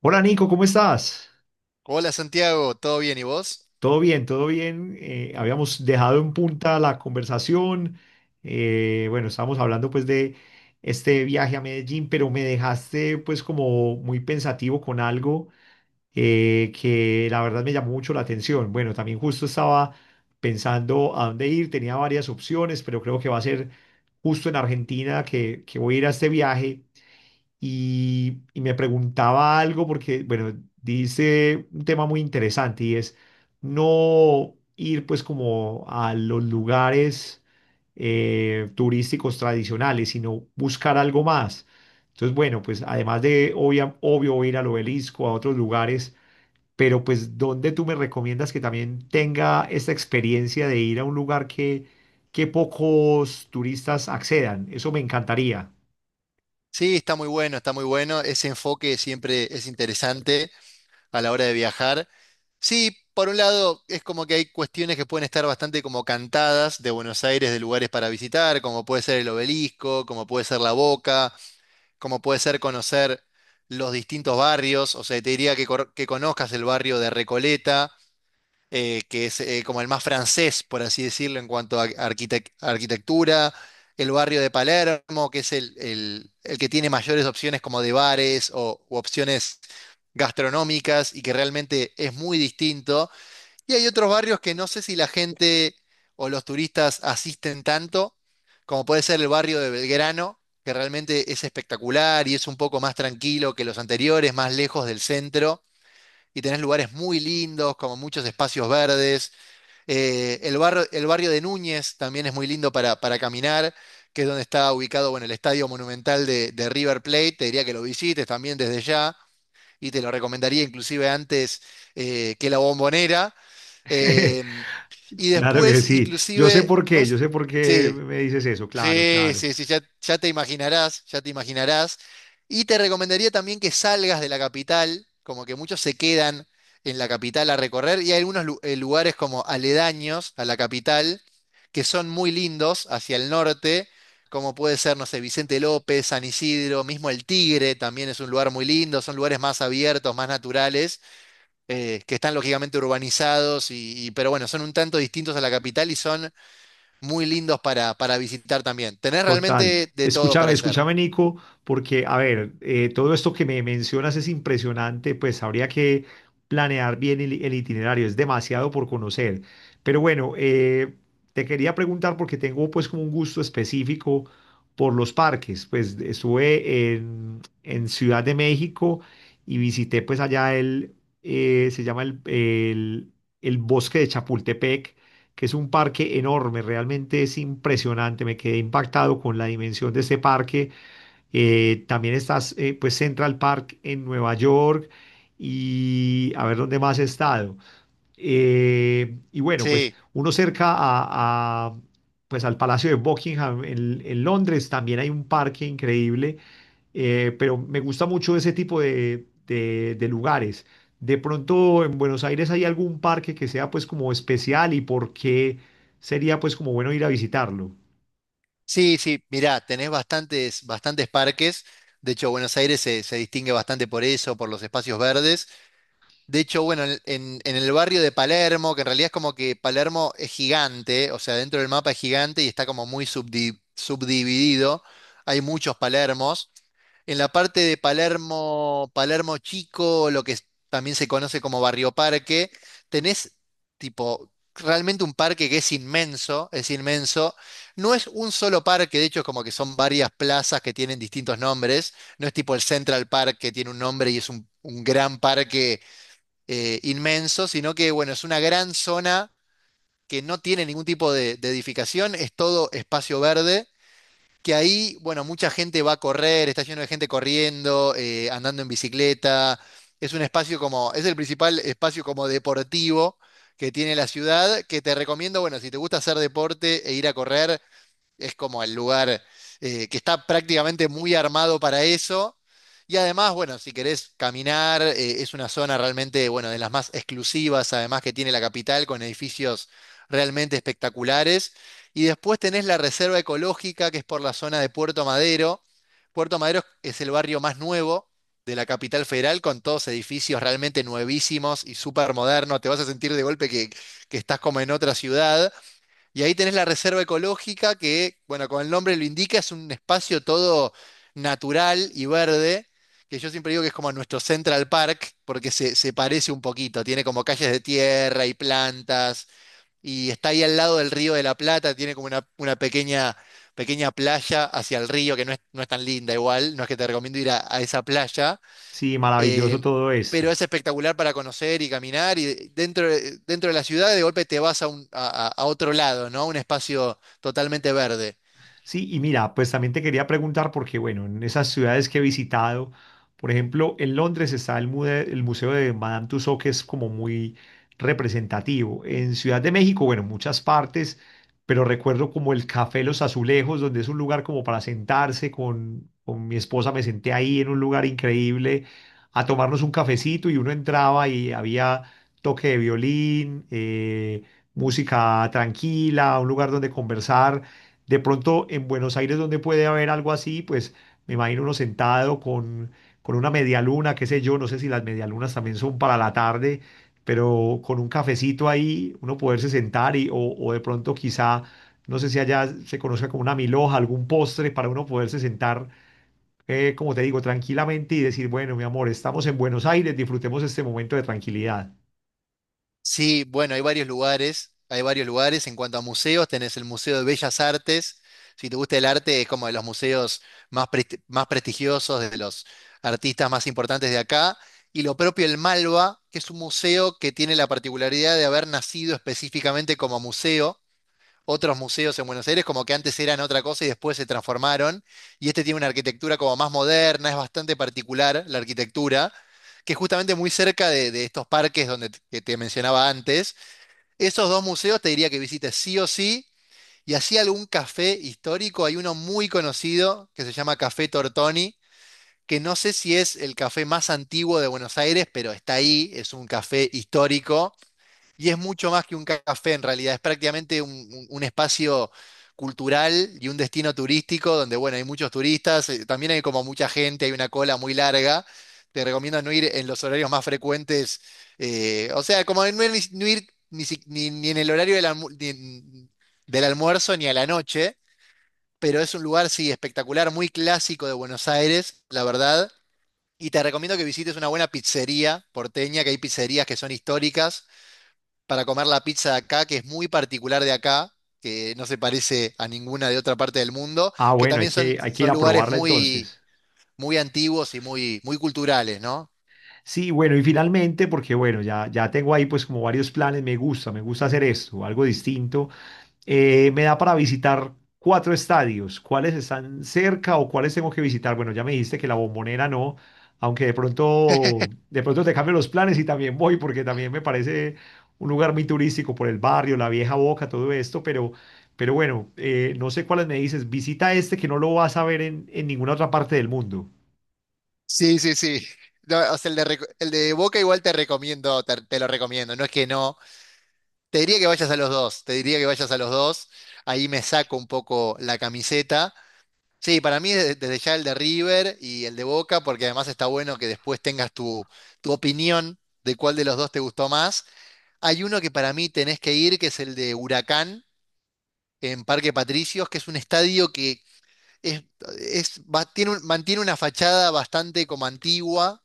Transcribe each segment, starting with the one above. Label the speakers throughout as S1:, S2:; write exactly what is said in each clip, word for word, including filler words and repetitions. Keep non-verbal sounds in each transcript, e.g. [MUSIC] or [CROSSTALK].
S1: Hola, Nico, ¿cómo estás?
S2: Hola Santiago, ¿todo bien y vos?
S1: Todo bien, todo bien. Eh, habíamos dejado en punta la conversación. Eh, bueno, estábamos hablando pues de este viaje a Medellín, pero me dejaste pues como muy pensativo con algo eh, que la verdad me llamó mucho la atención. Bueno, también justo estaba pensando a dónde ir, tenía varias opciones, pero creo que va a ser justo en Argentina que, que voy a ir a este viaje. y, y me preguntaba algo porque, bueno, dice un tema muy interesante y es no ir pues como a los lugares eh, turísticos tradicionales, sino buscar algo más. Entonces, bueno, pues además de obvia- obvio ir al Obelisco, a otros lugares, pero pues ¿dónde tú me recomiendas que también tenga esta experiencia de ir a un lugar que, que pocos turistas accedan? Eso me encantaría.
S2: Sí, está muy bueno, está muy bueno. Ese enfoque siempre es interesante a la hora de viajar. Sí, por un lado es como que hay cuestiones que pueden estar bastante como cantadas de Buenos Aires, de lugares para visitar, como puede ser el Obelisco, como puede ser La Boca, como puede ser conocer los distintos barrios. O sea, te diría que, cor- que conozcas el barrio de Recoleta, eh, que es eh, como el más francés, por así decirlo, en cuanto a arquitec- arquitectura, el barrio de Palermo, que es el, el- el que tiene mayores opciones como de bares o u opciones gastronómicas y que realmente es muy distinto. Y hay otros barrios que no sé si la gente o los turistas asisten tanto, como puede ser el barrio de Belgrano, que realmente es espectacular y es un poco más tranquilo que los anteriores, más lejos del centro, y tenés lugares muy lindos, como muchos espacios verdes, eh, el barrio, el barrio de Núñez también es muy lindo para, para caminar, que es donde está ubicado, bueno, el Estadio Monumental de, de River Plate. Te diría que lo visites también desde ya y te lo recomendaría inclusive antes eh, que la Bombonera.
S1: [LAUGHS]
S2: Eh, y
S1: Claro que
S2: después,
S1: sí. Yo sé
S2: inclusive,
S1: por
S2: no,
S1: qué,
S2: s-
S1: yo sé por qué
S2: sí,
S1: me dices eso. Claro,
S2: sí,
S1: claro.
S2: sí, sí, ya, ya te imaginarás, ya te imaginarás. Y te recomendaría también que salgas de la capital, como que muchos se quedan en la capital a recorrer y hay algunos lu- eh, lugares como aledaños a la capital que son muy lindos hacia el norte, como puede ser, no sé, Vicente López, San Isidro, mismo el Tigre también es un lugar muy lindo, son lugares más abiertos, más naturales, eh, que están lógicamente urbanizados, y, y- pero bueno, son un tanto distintos a la capital y son muy lindos para, para visitar también. Tenés
S1: Total.
S2: realmente de todo
S1: Escúchame,
S2: para hacer.
S1: escúchame, Nico, porque, a ver, eh, todo esto que me mencionas es impresionante, pues habría que planear bien el, el itinerario, es demasiado por conocer. Pero bueno, eh, te quería preguntar porque tengo pues como un gusto específico por los parques, pues estuve en, en Ciudad de México y visité pues allá el, eh, se llama el, el el Bosque de Chapultepec, que es un parque enorme, realmente es impresionante, me quedé impactado con la dimensión de este parque. Eh, también está eh, pues Central Park en Nueva York y a ver dónde más he estado. Eh, y bueno, pues
S2: Sí,
S1: uno cerca a, a, pues al Palacio de Buckingham en, en Londres también hay un parque increíble, eh, pero me gusta mucho ese tipo de, de- de lugares. De pronto en Buenos Aires hay algún parque que sea pues como especial y por qué sería pues como bueno ir a visitarlo.
S2: sí, sí. Mirá, tenés bastantes, bastantes parques. De hecho, Buenos Aires se, se distingue bastante por eso, por los espacios verdes. De hecho, bueno, en, en- en el barrio de Palermo, que en realidad es como que Palermo es gigante, o sea, dentro del mapa es gigante y está como muy subdi- subdividido. Hay muchos Palermos. En la parte de Palermo, Palermo Chico, lo que es- también se conoce como Barrio Parque, tenés tipo realmente un parque que es inmenso, es inmenso. No es un solo parque, de hecho es como que son varias plazas que tienen distintos nombres. No es tipo el Central Park que tiene un nombre y es un, un gran parque eh, inmenso, sino que bueno, es una gran zona que no tiene ningún tipo de de edificación, es todo espacio verde que ahí, bueno, mucha gente va a correr, está lleno de gente corriendo, eh, andando en bicicleta. Es un espacio como, es el principal espacio como deportivo que tiene la ciudad, que te recomiendo, bueno, si te gusta hacer deporte e ir a correr, es como el lugar eh, que está prácticamente muy armado para eso. Y además, bueno, si querés caminar, eh, es una zona realmente, bueno, de las más exclusivas, además que tiene la capital, con edificios realmente espectaculares. Y después tenés la reserva ecológica, que es por la zona de Puerto Madero. Puerto Madero es el barrio más nuevo de la capital federal, con todos edificios realmente nuevísimos y súper modernos. Te vas a sentir de golpe que, que estás como en otra ciudad. Y ahí tenés la reserva ecológica que, bueno, como el nombre lo indica, es un espacio todo natural y verde, que yo siempre digo que es como nuestro Central Park, porque se, se parece un poquito, tiene como calles de tierra y plantas, y está ahí al lado del río de la Plata, tiene como una, una pequeña, pequeña playa hacia el río, que no es, no es tan linda igual, no es que te recomiendo ir a a esa playa.
S1: Sí,
S2: eh,
S1: maravilloso todo eso.
S2: pero es espectacular para conocer y caminar y dentro, de- dentro de la ciudad de golpe te vas a, un- a- a- a otro lado, ¿no? Un espacio totalmente verde.
S1: Sí, y mira, pues también te quería preguntar porque, bueno, en esas ciudades que he visitado, por ejemplo, en Londres está el, mude- el Museo de Madame Tussauds, que es como muy representativo. En Ciudad de México, bueno, muchas partes, pero recuerdo como el Café Los Azulejos, donde es un lugar como para sentarse con, con mi esposa, me senté ahí en un lugar increíble a tomarnos un cafecito y uno entraba y había toque de violín, eh, música tranquila, un lugar donde conversar de pronto en Buenos Aires, donde puede haber algo así, pues me imagino uno sentado con, con una media luna, qué sé yo, no sé si las medialunas también son para la tarde, pero con un cafecito ahí, uno poderse sentar y, o, o de pronto quizá, no sé si allá se conozca como una milhoja, algún postre para uno poderse sentar, eh, como te digo, tranquilamente y decir, bueno, mi amor, estamos en Buenos Aires, disfrutemos este momento de tranquilidad.
S2: Sí, bueno, hay varios lugares, hay varios lugares. En cuanto a museos, tenés el Museo de Bellas Artes. Si te gusta el arte, es como de los museos más, presti- más prestigiosos, de los artistas más importantes de acá. Y lo propio el Malva, que es un museo que tiene la particularidad de haber nacido específicamente como museo. Otros museos en Buenos Aires, como que antes eran otra cosa y después se transformaron. Y este tiene una arquitectura como más moderna, es bastante particular la arquitectura, que es justamente muy cerca de, de estos parques donde t- que te mencionaba antes. Esos dos museos te diría que visites sí o sí. Y así algún café histórico, hay uno muy conocido que se llama Café Tortoni, que no sé si es el café más antiguo de Buenos Aires, pero está ahí, es un café histórico y es mucho más que un café en realidad, es prácticamente un, un- un espacio cultural y un destino turístico donde, bueno, hay muchos turistas, eh, también hay como mucha gente, hay una cola muy larga. Te recomiendo no ir en los horarios más frecuentes, eh, o sea, como no ir, ni, no ir ni si- ni- ni en el horario del, almu- ni en- del almuerzo ni a la noche, pero es un lugar, sí, espectacular, muy clásico de Buenos Aires, la verdad. Y te recomiendo que visites una buena pizzería porteña, que hay pizzerías que son históricas para comer la pizza de acá, que es muy particular de acá, que no se parece a ninguna de otra parte del mundo,
S1: Ah,
S2: que
S1: bueno, hay
S2: también son,
S1: que, hay que ir
S2: son
S1: a
S2: lugares
S1: probarla
S2: muy,
S1: entonces.
S2: muy antiguos y muy, muy culturales, ¿no?
S1: Sí, bueno, y finalmente, porque bueno, ya, ya tengo ahí pues como varios planes, me gusta, me gusta hacer esto, algo distinto, eh, me da para visitar cuatro estadios, ¿cuáles están cerca o cuáles tengo que visitar? Bueno, ya me dijiste que la Bombonera no, aunque de pronto, de pronto te cambio los planes y también voy porque también me parece un lugar muy turístico por el barrio, la Vieja Boca, todo esto, pero, pero bueno, eh, no sé cuáles me dices, visita este que no lo vas a ver en, en ninguna otra parte del mundo.
S2: Sí, sí, sí. No, o sea, el de, Reco- el de Boca igual te recomiendo, te, te lo recomiendo, no es que no. Te diría que vayas a los dos, te diría que vayas a los dos. Ahí me saco un poco la camiseta. Sí, para mí desde, desde ya el de River y el de Boca, porque además está bueno que después tengas tu, tu opinión de cuál de los dos te gustó más. Hay uno que para mí tenés que ir, que es el de Huracán en Parque Patricios, que es un estadio que es, es- va- tiene un- mantiene una fachada bastante como antigua,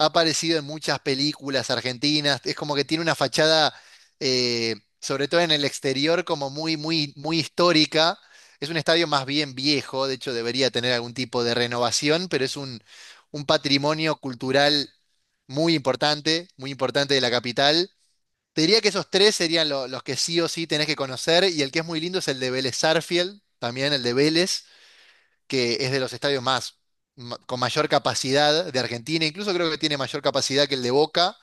S2: ha aparecido en muchas películas argentinas, es como que tiene una fachada, eh, sobre todo en el exterior, como muy, muy, muy histórica. Es un estadio más bien viejo, de hecho debería tener algún tipo de renovación, pero es un, un patrimonio cultural muy importante, muy importante de la capital. Te diría que esos tres serían lo- los que sí o sí tenés que conocer y el que es muy lindo es el de Vélez Sarsfield, también el de Vélez, que es de los estadios más ma- con mayor capacidad de Argentina, incluso creo que tiene mayor capacidad que el de Boca.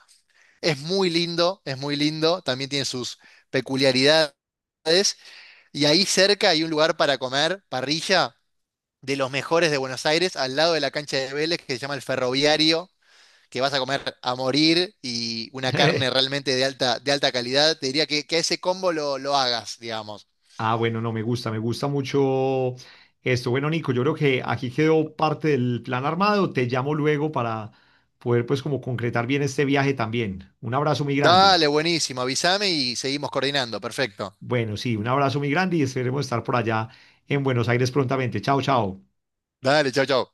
S2: Es muy lindo, es muy lindo, también tiene sus peculiaridades y ahí cerca hay un lugar para comer, parrilla, de los mejores de Buenos Aires, al lado de la cancha de Vélez que se llama el Ferroviario, que vas a comer a morir y una carne
S1: [LAUGHS]
S2: realmente de alta, de alta calidad, te diría que, que ese combo lo, lo hagas, digamos.
S1: Ah, bueno, no, me gusta, me gusta mucho esto. Bueno, Nico, yo creo que aquí quedó parte del plan armado. Te llamo luego para poder pues como concretar bien este viaje también. Un abrazo muy grande.
S2: Dale, buenísimo, avísame y seguimos coordinando. Perfecto.
S1: Bueno, sí, un abrazo muy grande y esperemos estar por allá en Buenos Aires prontamente. Chao, chao.
S2: Dale, chau, chau.